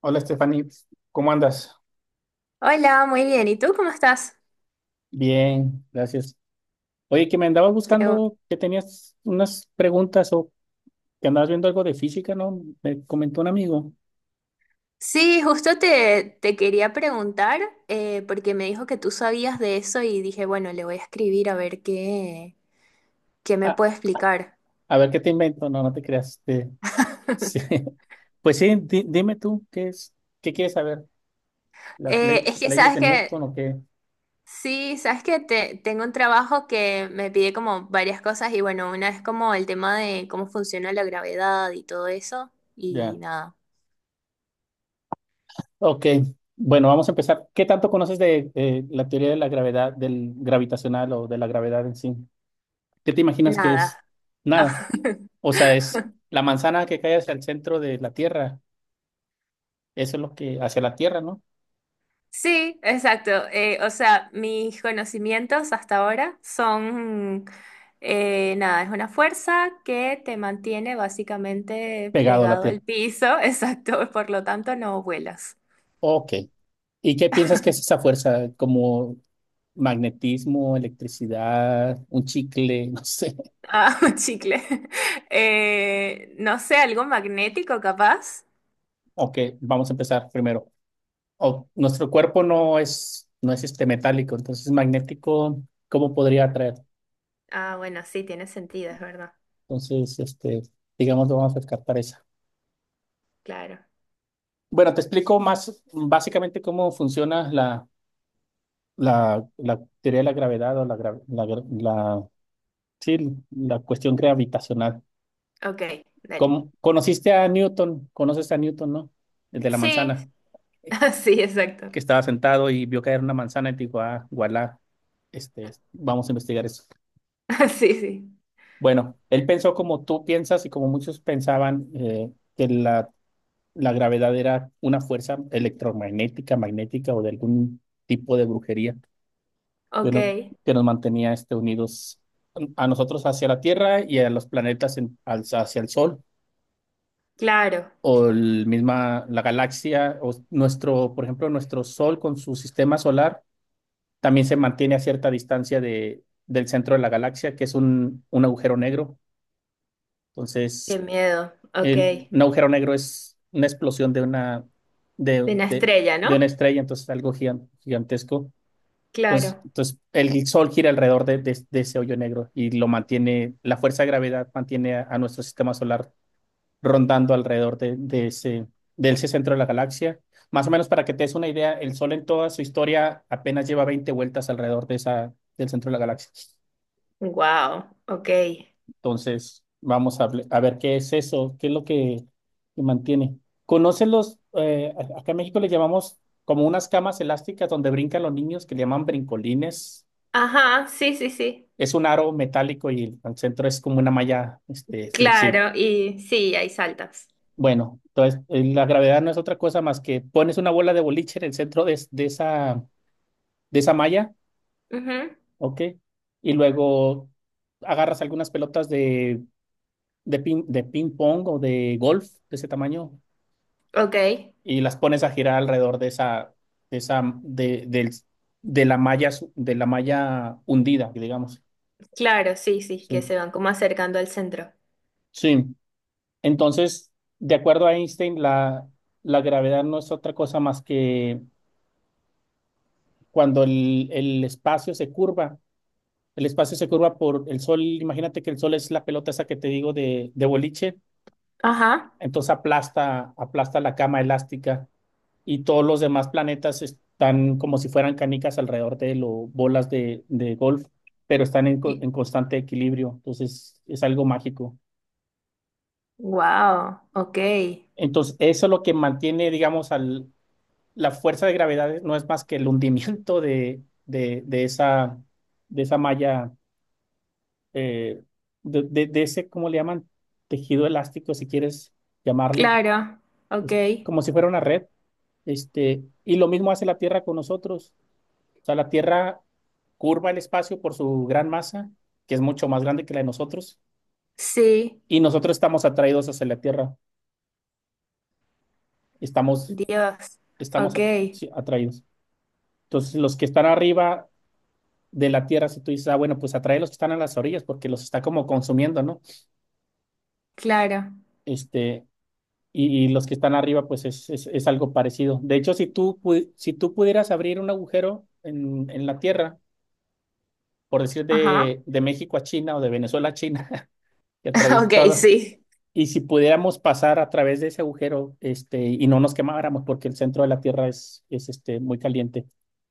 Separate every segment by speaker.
Speaker 1: Hola, Stephanie, ¿cómo andas?
Speaker 2: Hola, muy bien. ¿Y tú cómo estás?
Speaker 1: Bien, gracias. Oye, que me andabas
Speaker 2: Qué bu-
Speaker 1: buscando, que tenías unas preguntas o que andabas viendo algo de física, ¿no? Me comentó un amigo.
Speaker 2: Sí, justo te quería preguntar, porque me dijo que tú sabías de eso y dije, bueno, le voy a escribir a ver qué, qué me
Speaker 1: Ah,
Speaker 2: puede explicar.
Speaker 1: a ver qué te invento, no, no te creas. Sí. Pues sí, dime tú, ¿qué es? ¿Qué quieres saber? ¿Las
Speaker 2: Es que
Speaker 1: leyes
Speaker 2: sabes
Speaker 1: de Newton
Speaker 2: que,
Speaker 1: o qué?
Speaker 2: sí, sabes que te, tengo un trabajo que me pide como varias cosas y bueno, una es como el tema de cómo funciona la gravedad y todo eso y
Speaker 1: Ya.
Speaker 2: nada,
Speaker 1: Ok, bueno, vamos a empezar. ¿Qué tanto conoces de, la teoría de la gravedad, del gravitacional o de la gravedad en sí? ¿Qué te imaginas que
Speaker 2: nada.
Speaker 1: es? Nada. O sea, es la manzana que cae hacia el centro de la Tierra. Eso es lo que, hacia la Tierra, ¿no?
Speaker 2: Sí, exacto. O sea, mis conocimientos hasta ahora son, nada, es una fuerza que te mantiene básicamente
Speaker 1: Pegado a la
Speaker 2: pegado
Speaker 1: Tierra.
Speaker 2: al piso, exacto, por lo tanto no vuelas.
Speaker 1: Ok. ¿Y qué piensas que es esa fuerza? ¿Como magnetismo, electricidad, un chicle? No sé.
Speaker 2: Ah, chicle. No sé, algo magnético capaz.
Speaker 1: Ok, vamos a empezar primero. Nuestro cuerpo no es este metálico, entonces magnético, ¿cómo podría atraer?
Speaker 2: Ah, bueno, sí, tiene sentido, es verdad.
Speaker 1: Entonces, digamos, vamos a descartar esa.
Speaker 2: Claro.
Speaker 1: Bueno, te explico más básicamente cómo funciona la teoría de la gravedad o sí, la cuestión gravitacional.
Speaker 2: Ok, dale.
Speaker 1: ¿Conociste a Newton? ¿Conoces a Newton, no? El de la
Speaker 2: Sí,
Speaker 1: manzana,
Speaker 2: sí, exacto.
Speaker 1: que estaba sentado y vio caer una manzana y dijo, ah, voilà, vamos a investigar eso.
Speaker 2: Sí, sí.
Speaker 1: Bueno, él pensó como tú piensas y como muchos pensaban que la gravedad era una fuerza electromagnética, magnética o de algún tipo de brujería. que
Speaker 2: Ok,
Speaker 1: nos, que nos mantenía unidos a nosotros hacia la Tierra y a los planetas hacia el Sol,
Speaker 2: claro.
Speaker 1: o el misma, la galaxia, o nuestro, por ejemplo, nuestro Sol con su sistema solar también se mantiene a cierta distancia del centro de la galaxia, que es un agujero negro.
Speaker 2: Qué
Speaker 1: Entonces,
Speaker 2: miedo. Ok.
Speaker 1: el, un agujero negro es una explosión de,
Speaker 2: De una
Speaker 1: de,
Speaker 2: estrella,
Speaker 1: de una
Speaker 2: ¿no?
Speaker 1: estrella, entonces algo gigantesco. Entonces,
Speaker 2: Claro.
Speaker 1: entonces el Sol gira alrededor de ese hoyo negro y lo mantiene, la fuerza de gravedad mantiene a nuestro sistema solar rondando alrededor de ese centro de la galaxia. Más o menos para que te des una idea, el Sol en toda su historia apenas lleva 20 vueltas alrededor del centro de la galaxia.
Speaker 2: Wow, ok.
Speaker 1: Entonces, a ver qué es eso, qué es lo que mantiene. ¿Conocen acá en México le llamamos como unas camas elásticas donde brincan los niños que le llaman brincolines?
Speaker 2: Ajá, sí, sí, sí.
Speaker 1: Es un aro metálico y el centro es como una malla, flexible.
Speaker 2: Claro, y sí, hay saltas.
Speaker 1: Bueno, entonces la gravedad no es otra cosa más que pones una bola de boliche en el centro de esa malla,
Speaker 2: Ujú.
Speaker 1: ¿ok? Y luego agarras algunas pelotas de ping pong o de golf de ese tamaño
Speaker 2: Ok,
Speaker 1: y las pones a girar alrededor de esa, de, del- de la malla hundida, digamos.
Speaker 2: claro, sí, sí, que
Speaker 1: Sí,
Speaker 2: se van como acercando al centro.
Speaker 1: sí. Entonces, de acuerdo a Einstein, la gravedad no es otra cosa más que cuando el espacio se curva. El espacio se curva por el sol. Imagínate que el sol es la pelota esa que te digo de boliche.
Speaker 2: Ajá.
Speaker 1: Entonces aplasta la cama elástica y todos los demás planetas están como si fueran canicas alrededor de él o bolas de golf, pero están en constante equilibrio. Entonces es algo mágico.
Speaker 2: Wow, ok.
Speaker 1: Entonces eso es lo que mantiene, digamos, al, la fuerza de gravedad no es más que el hundimiento de esa malla, eh, de ese, ¿cómo le llaman? Tejido elástico, si quieres llamarle,
Speaker 2: Claro, ok.
Speaker 1: es como si fuera una red. Y lo mismo hace la Tierra con nosotros. O sea, la Tierra curva el espacio por su gran masa, que es mucho más grande que la de nosotros,
Speaker 2: Sí,
Speaker 1: y nosotros estamos atraídos hacia la Tierra. Estamos,
Speaker 2: Dios.
Speaker 1: estamos
Speaker 2: Ok,
Speaker 1: at- sí, atraídos. Entonces, los que están arriba de la Tierra, si tú dices, ah, bueno, pues atrae los que están a las orillas porque los está como consumiendo, ¿no?
Speaker 2: claro.
Speaker 1: Este, y, los que están arriba, pues es algo parecido. De hecho, si tú pudieras abrir un agujero en la Tierra, por decir
Speaker 2: Ajá.
Speaker 1: de México a China o de Venezuela a China, que atraviesa
Speaker 2: Ok,
Speaker 1: todo,
Speaker 2: sí,
Speaker 1: y si pudiéramos pasar a través de ese agujero, y no nos quemáramos porque el centro de la Tierra es este, muy caliente.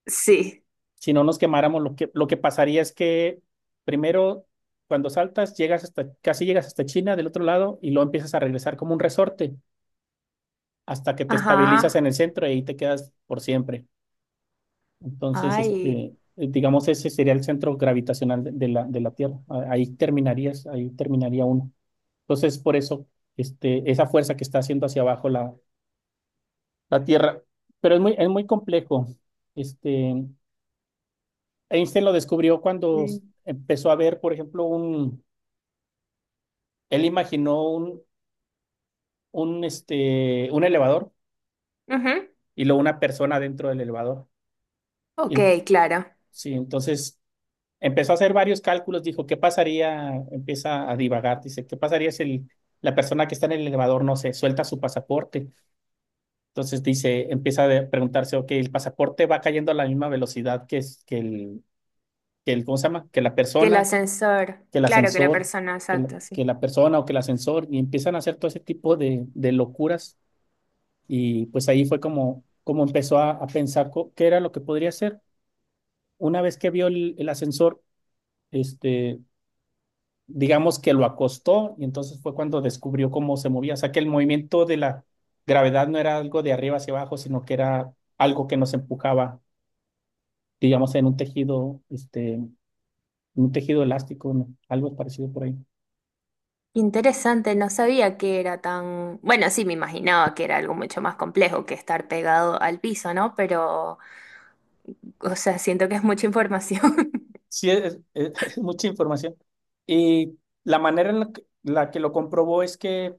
Speaker 2: sí.
Speaker 1: Si no nos quemáramos, lo que pasaría es que primero, cuando saltas, llegas hasta, casi llegas hasta China del otro lado y luego empiezas a regresar como un resorte hasta que te estabilizas
Speaker 2: Ajá.
Speaker 1: en el centro y ahí te quedas por siempre. Entonces,
Speaker 2: Ay.
Speaker 1: digamos, ese sería el centro gravitacional de la Tierra. Ahí terminarías, ahí terminaría uno. Entonces, por eso, esa fuerza que está haciendo hacia abajo la Tierra. Pero es muy complejo. Este, Einstein lo descubrió cuando
Speaker 2: Sí.
Speaker 1: empezó a ver, por ejemplo, él imaginó un elevador
Speaker 2: Ujú.
Speaker 1: y luego una persona dentro del elevador.
Speaker 2: Ok,
Speaker 1: Y-
Speaker 2: claro.
Speaker 1: sí, entonces empezó a hacer varios cálculos, dijo, ¿qué pasaría? Empieza a divagar, dice, ¿qué pasaría si la persona que está en el elevador, no sé, suelta su pasaporte? Entonces dice, empieza a preguntarse, ok, el pasaporte va cayendo a la misma velocidad que ¿cómo se llama? Que la
Speaker 2: Que el
Speaker 1: persona.
Speaker 2: ascensor,
Speaker 1: Que el
Speaker 2: claro que la
Speaker 1: ascensor,
Speaker 2: persona, exacto, sí.
Speaker 1: que la persona o que el ascensor, y empiezan a hacer todo ese tipo de locuras. Y pues ahí fue como empezó a pensar qué era lo que podría hacer. Una vez que vio el ascensor, este, digamos que lo acostó y entonces fue cuando descubrió cómo se movía. O sea, que el movimiento de la gravedad no era algo de arriba hacia abajo, sino que era algo que nos empujaba, digamos, en un tejido, un tejido elástico, ¿no? Algo parecido por ahí.
Speaker 2: Interesante, no sabía que era tan... Bueno, sí, me imaginaba que era algo mucho más complejo que estar pegado al piso, ¿no? Pero, o sea, siento que es mucha información.
Speaker 1: Sí, es es mucha información. Y la manera en la que lo comprobó es que,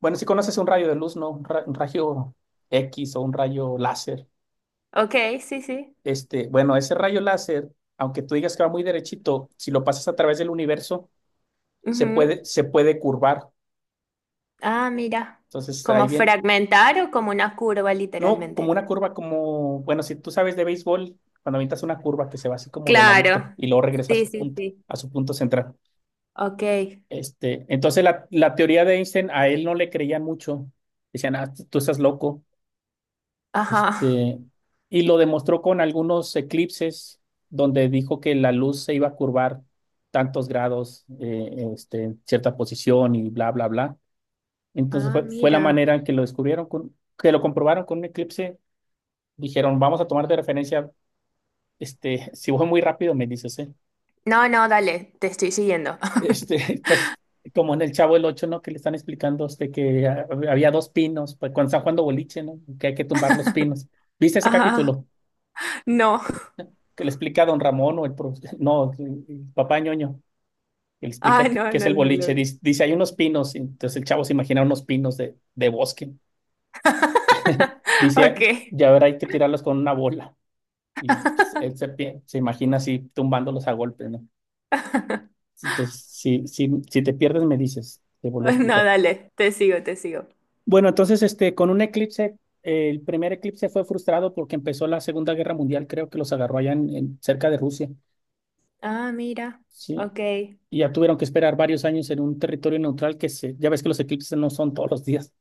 Speaker 1: bueno, si conoces un rayo de luz, ¿no? Un rayo X o un rayo láser.
Speaker 2: Ok, sí, sí.
Speaker 1: Bueno, ese rayo láser, aunque tú digas que va muy derechito, si lo pasas a través del universo,
Speaker 2: Ujú.
Speaker 1: se puede curvar.
Speaker 2: Ah, mira.
Speaker 1: Entonces, ahí
Speaker 2: Como
Speaker 1: bien,
Speaker 2: fragmentar o como una curva,
Speaker 1: no como
Speaker 2: literalmente.
Speaker 1: una curva como, bueno, si tú sabes de béisbol, cuando avientas una curva que se va así como de ladito
Speaker 2: Claro.
Speaker 1: y luego regresa
Speaker 2: Sí, sí, sí.
Speaker 1: a su punto central.
Speaker 2: Ok.
Speaker 1: Entonces la teoría de Einstein a él no le creían mucho. Decían, ah, tú estás loco.
Speaker 2: Ajá.
Speaker 1: Este, y lo demostró con algunos eclipses donde dijo que la luz se iba a curvar tantos grados, en cierta posición y bla, bla, bla. Entonces
Speaker 2: Ah,
Speaker 1: fue la
Speaker 2: mira.
Speaker 1: manera en que lo descubrieron, que lo comprobaron con un eclipse. Dijeron, vamos a tomar de referencia, si voy muy rápido, me dices, ¿eh?
Speaker 2: No, no, dale, te estoy siguiendo.
Speaker 1: Estás como en el Chavo el ocho, ¿no? Que le están explicando a usted que ah, había dos pinos, pues cuando están jugando boliche, ¿no? Que hay que tumbar los pinos. ¿Viste ese
Speaker 2: Ajá.
Speaker 1: capítulo?
Speaker 2: No.
Speaker 1: Que le explica a don Ramón o el no, el papá ñoño, que le
Speaker 2: Ah,
Speaker 1: explica
Speaker 2: no,
Speaker 1: qué es
Speaker 2: no,
Speaker 1: el
Speaker 2: no lo
Speaker 1: boliche.
Speaker 2: vi.
Speaker 1: Dice, hay unos pinos, y entonces el chavo se imagina unos pinos de bosque.
Speaker 2: Ok.
Speaker 1: Dice, ya verá, hay que tirarlos con una bola. Y pues, se imagina así tumbándolos a golpes, ¿no? Entonces, si te pierdes, me dices, te vuelvo a
Speaker 2: No,
Speaker 1: explicar.
Speaker 2: dale, te sigo, te sigo.
Speaker 1: Bueno, entonces, con un eclipse, el primer eclipse fue frustrado porque empezó la Segunda Guerra Mundial, creo que los agarró allá cerca de Rusia,
Speaker 2: Ah, mira.
Speaker 1: ¿sí?
Speaker 2: Ok.
Speaker 1: Y ya tuvieron que esperar varios años en un territorio neutral que se, ya ves que los eclipses no son todos los días.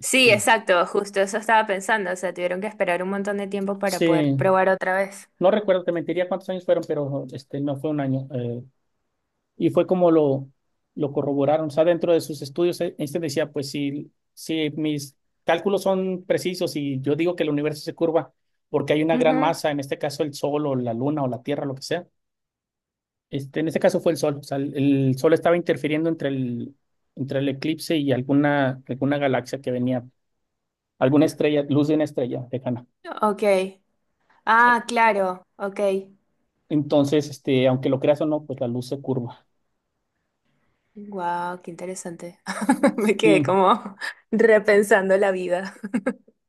Speaker 2: Sí, exacto, justo eso estaba pensando. O sea, tuvieron que esperar un montón de tiempo para poder
Speaker 1: sí,
Speaker 2: probar otra vez.
Speaker 1: no recuerdo, te mentiría cuántos años fueron, pero no fue un año. Y fue como lo corroboraron. O sea, dentro de sus estudios, Einstein decía, pues si mis cálculos son precisos y yo digo que el universo se curva porque hay una gran
Speaker 2: Ujú.
Speaker 1: masa, en este caso el Sol o la Luna o la Tierra, lo que sea. En este caso fue el Sol. O sea, el Sol estaba interfiriendo entre entre el eclipse y alguna galaxia que venía, alguna estrella, luz de una estrella lejana.
Speaker 2: Ok.
Speaker 1: Eh,
Speaker 2: Ah, claro. Ok.
Speaker 1: Entonces, aunque lo creas o no, pues la luz se curva.
Speaker 2: Wow, qué interesante. Me quedé
Speaker 1: Sí,
Speaker 2: como repensando la vida.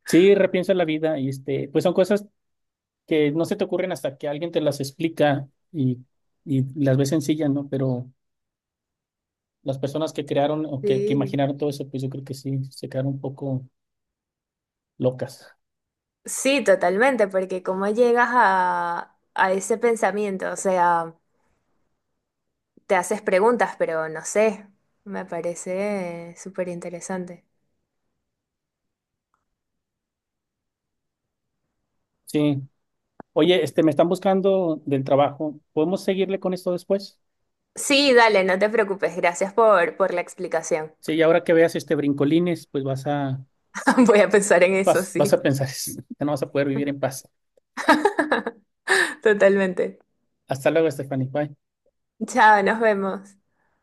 Speaker 1: sí, repiensa la vida y pues son cosas que no se te ocurren hasta que alguien te las explica y, las ves sencillas, ¿no? Pero las personas que crearon o que
Speaker 2: Sí.
Speaker 1: imaginaron todo eso, pues yo creo que sí, se quedaron un poco locas.
Speaker 2: Sí, totalmente, porque cómo llegas a ese pensamiento, o sea, te haces preguntas, pero no sé, me parece súper interesante.
Speaker 1: Sí. Oye, me están buscando del trabajo. ¿Podemos seguirle con esto después?
Speaker 2: Sí, dale, no te preocupes, gracias por la explicación.
Speaker 1: Sí, y ahora que veas este brincolines, pues
Speaker 2: Voy a pensar en eso,
Speaker 1: vas
Speaker 2: sí.
Speaker 1: a pensar, ya no vas a poder vivir en paz.
Speaker 2: Totalmente.
Speaker 1: Hasta luego, Stephanie. Bye.
Speaker 2: Chao, nos vemos.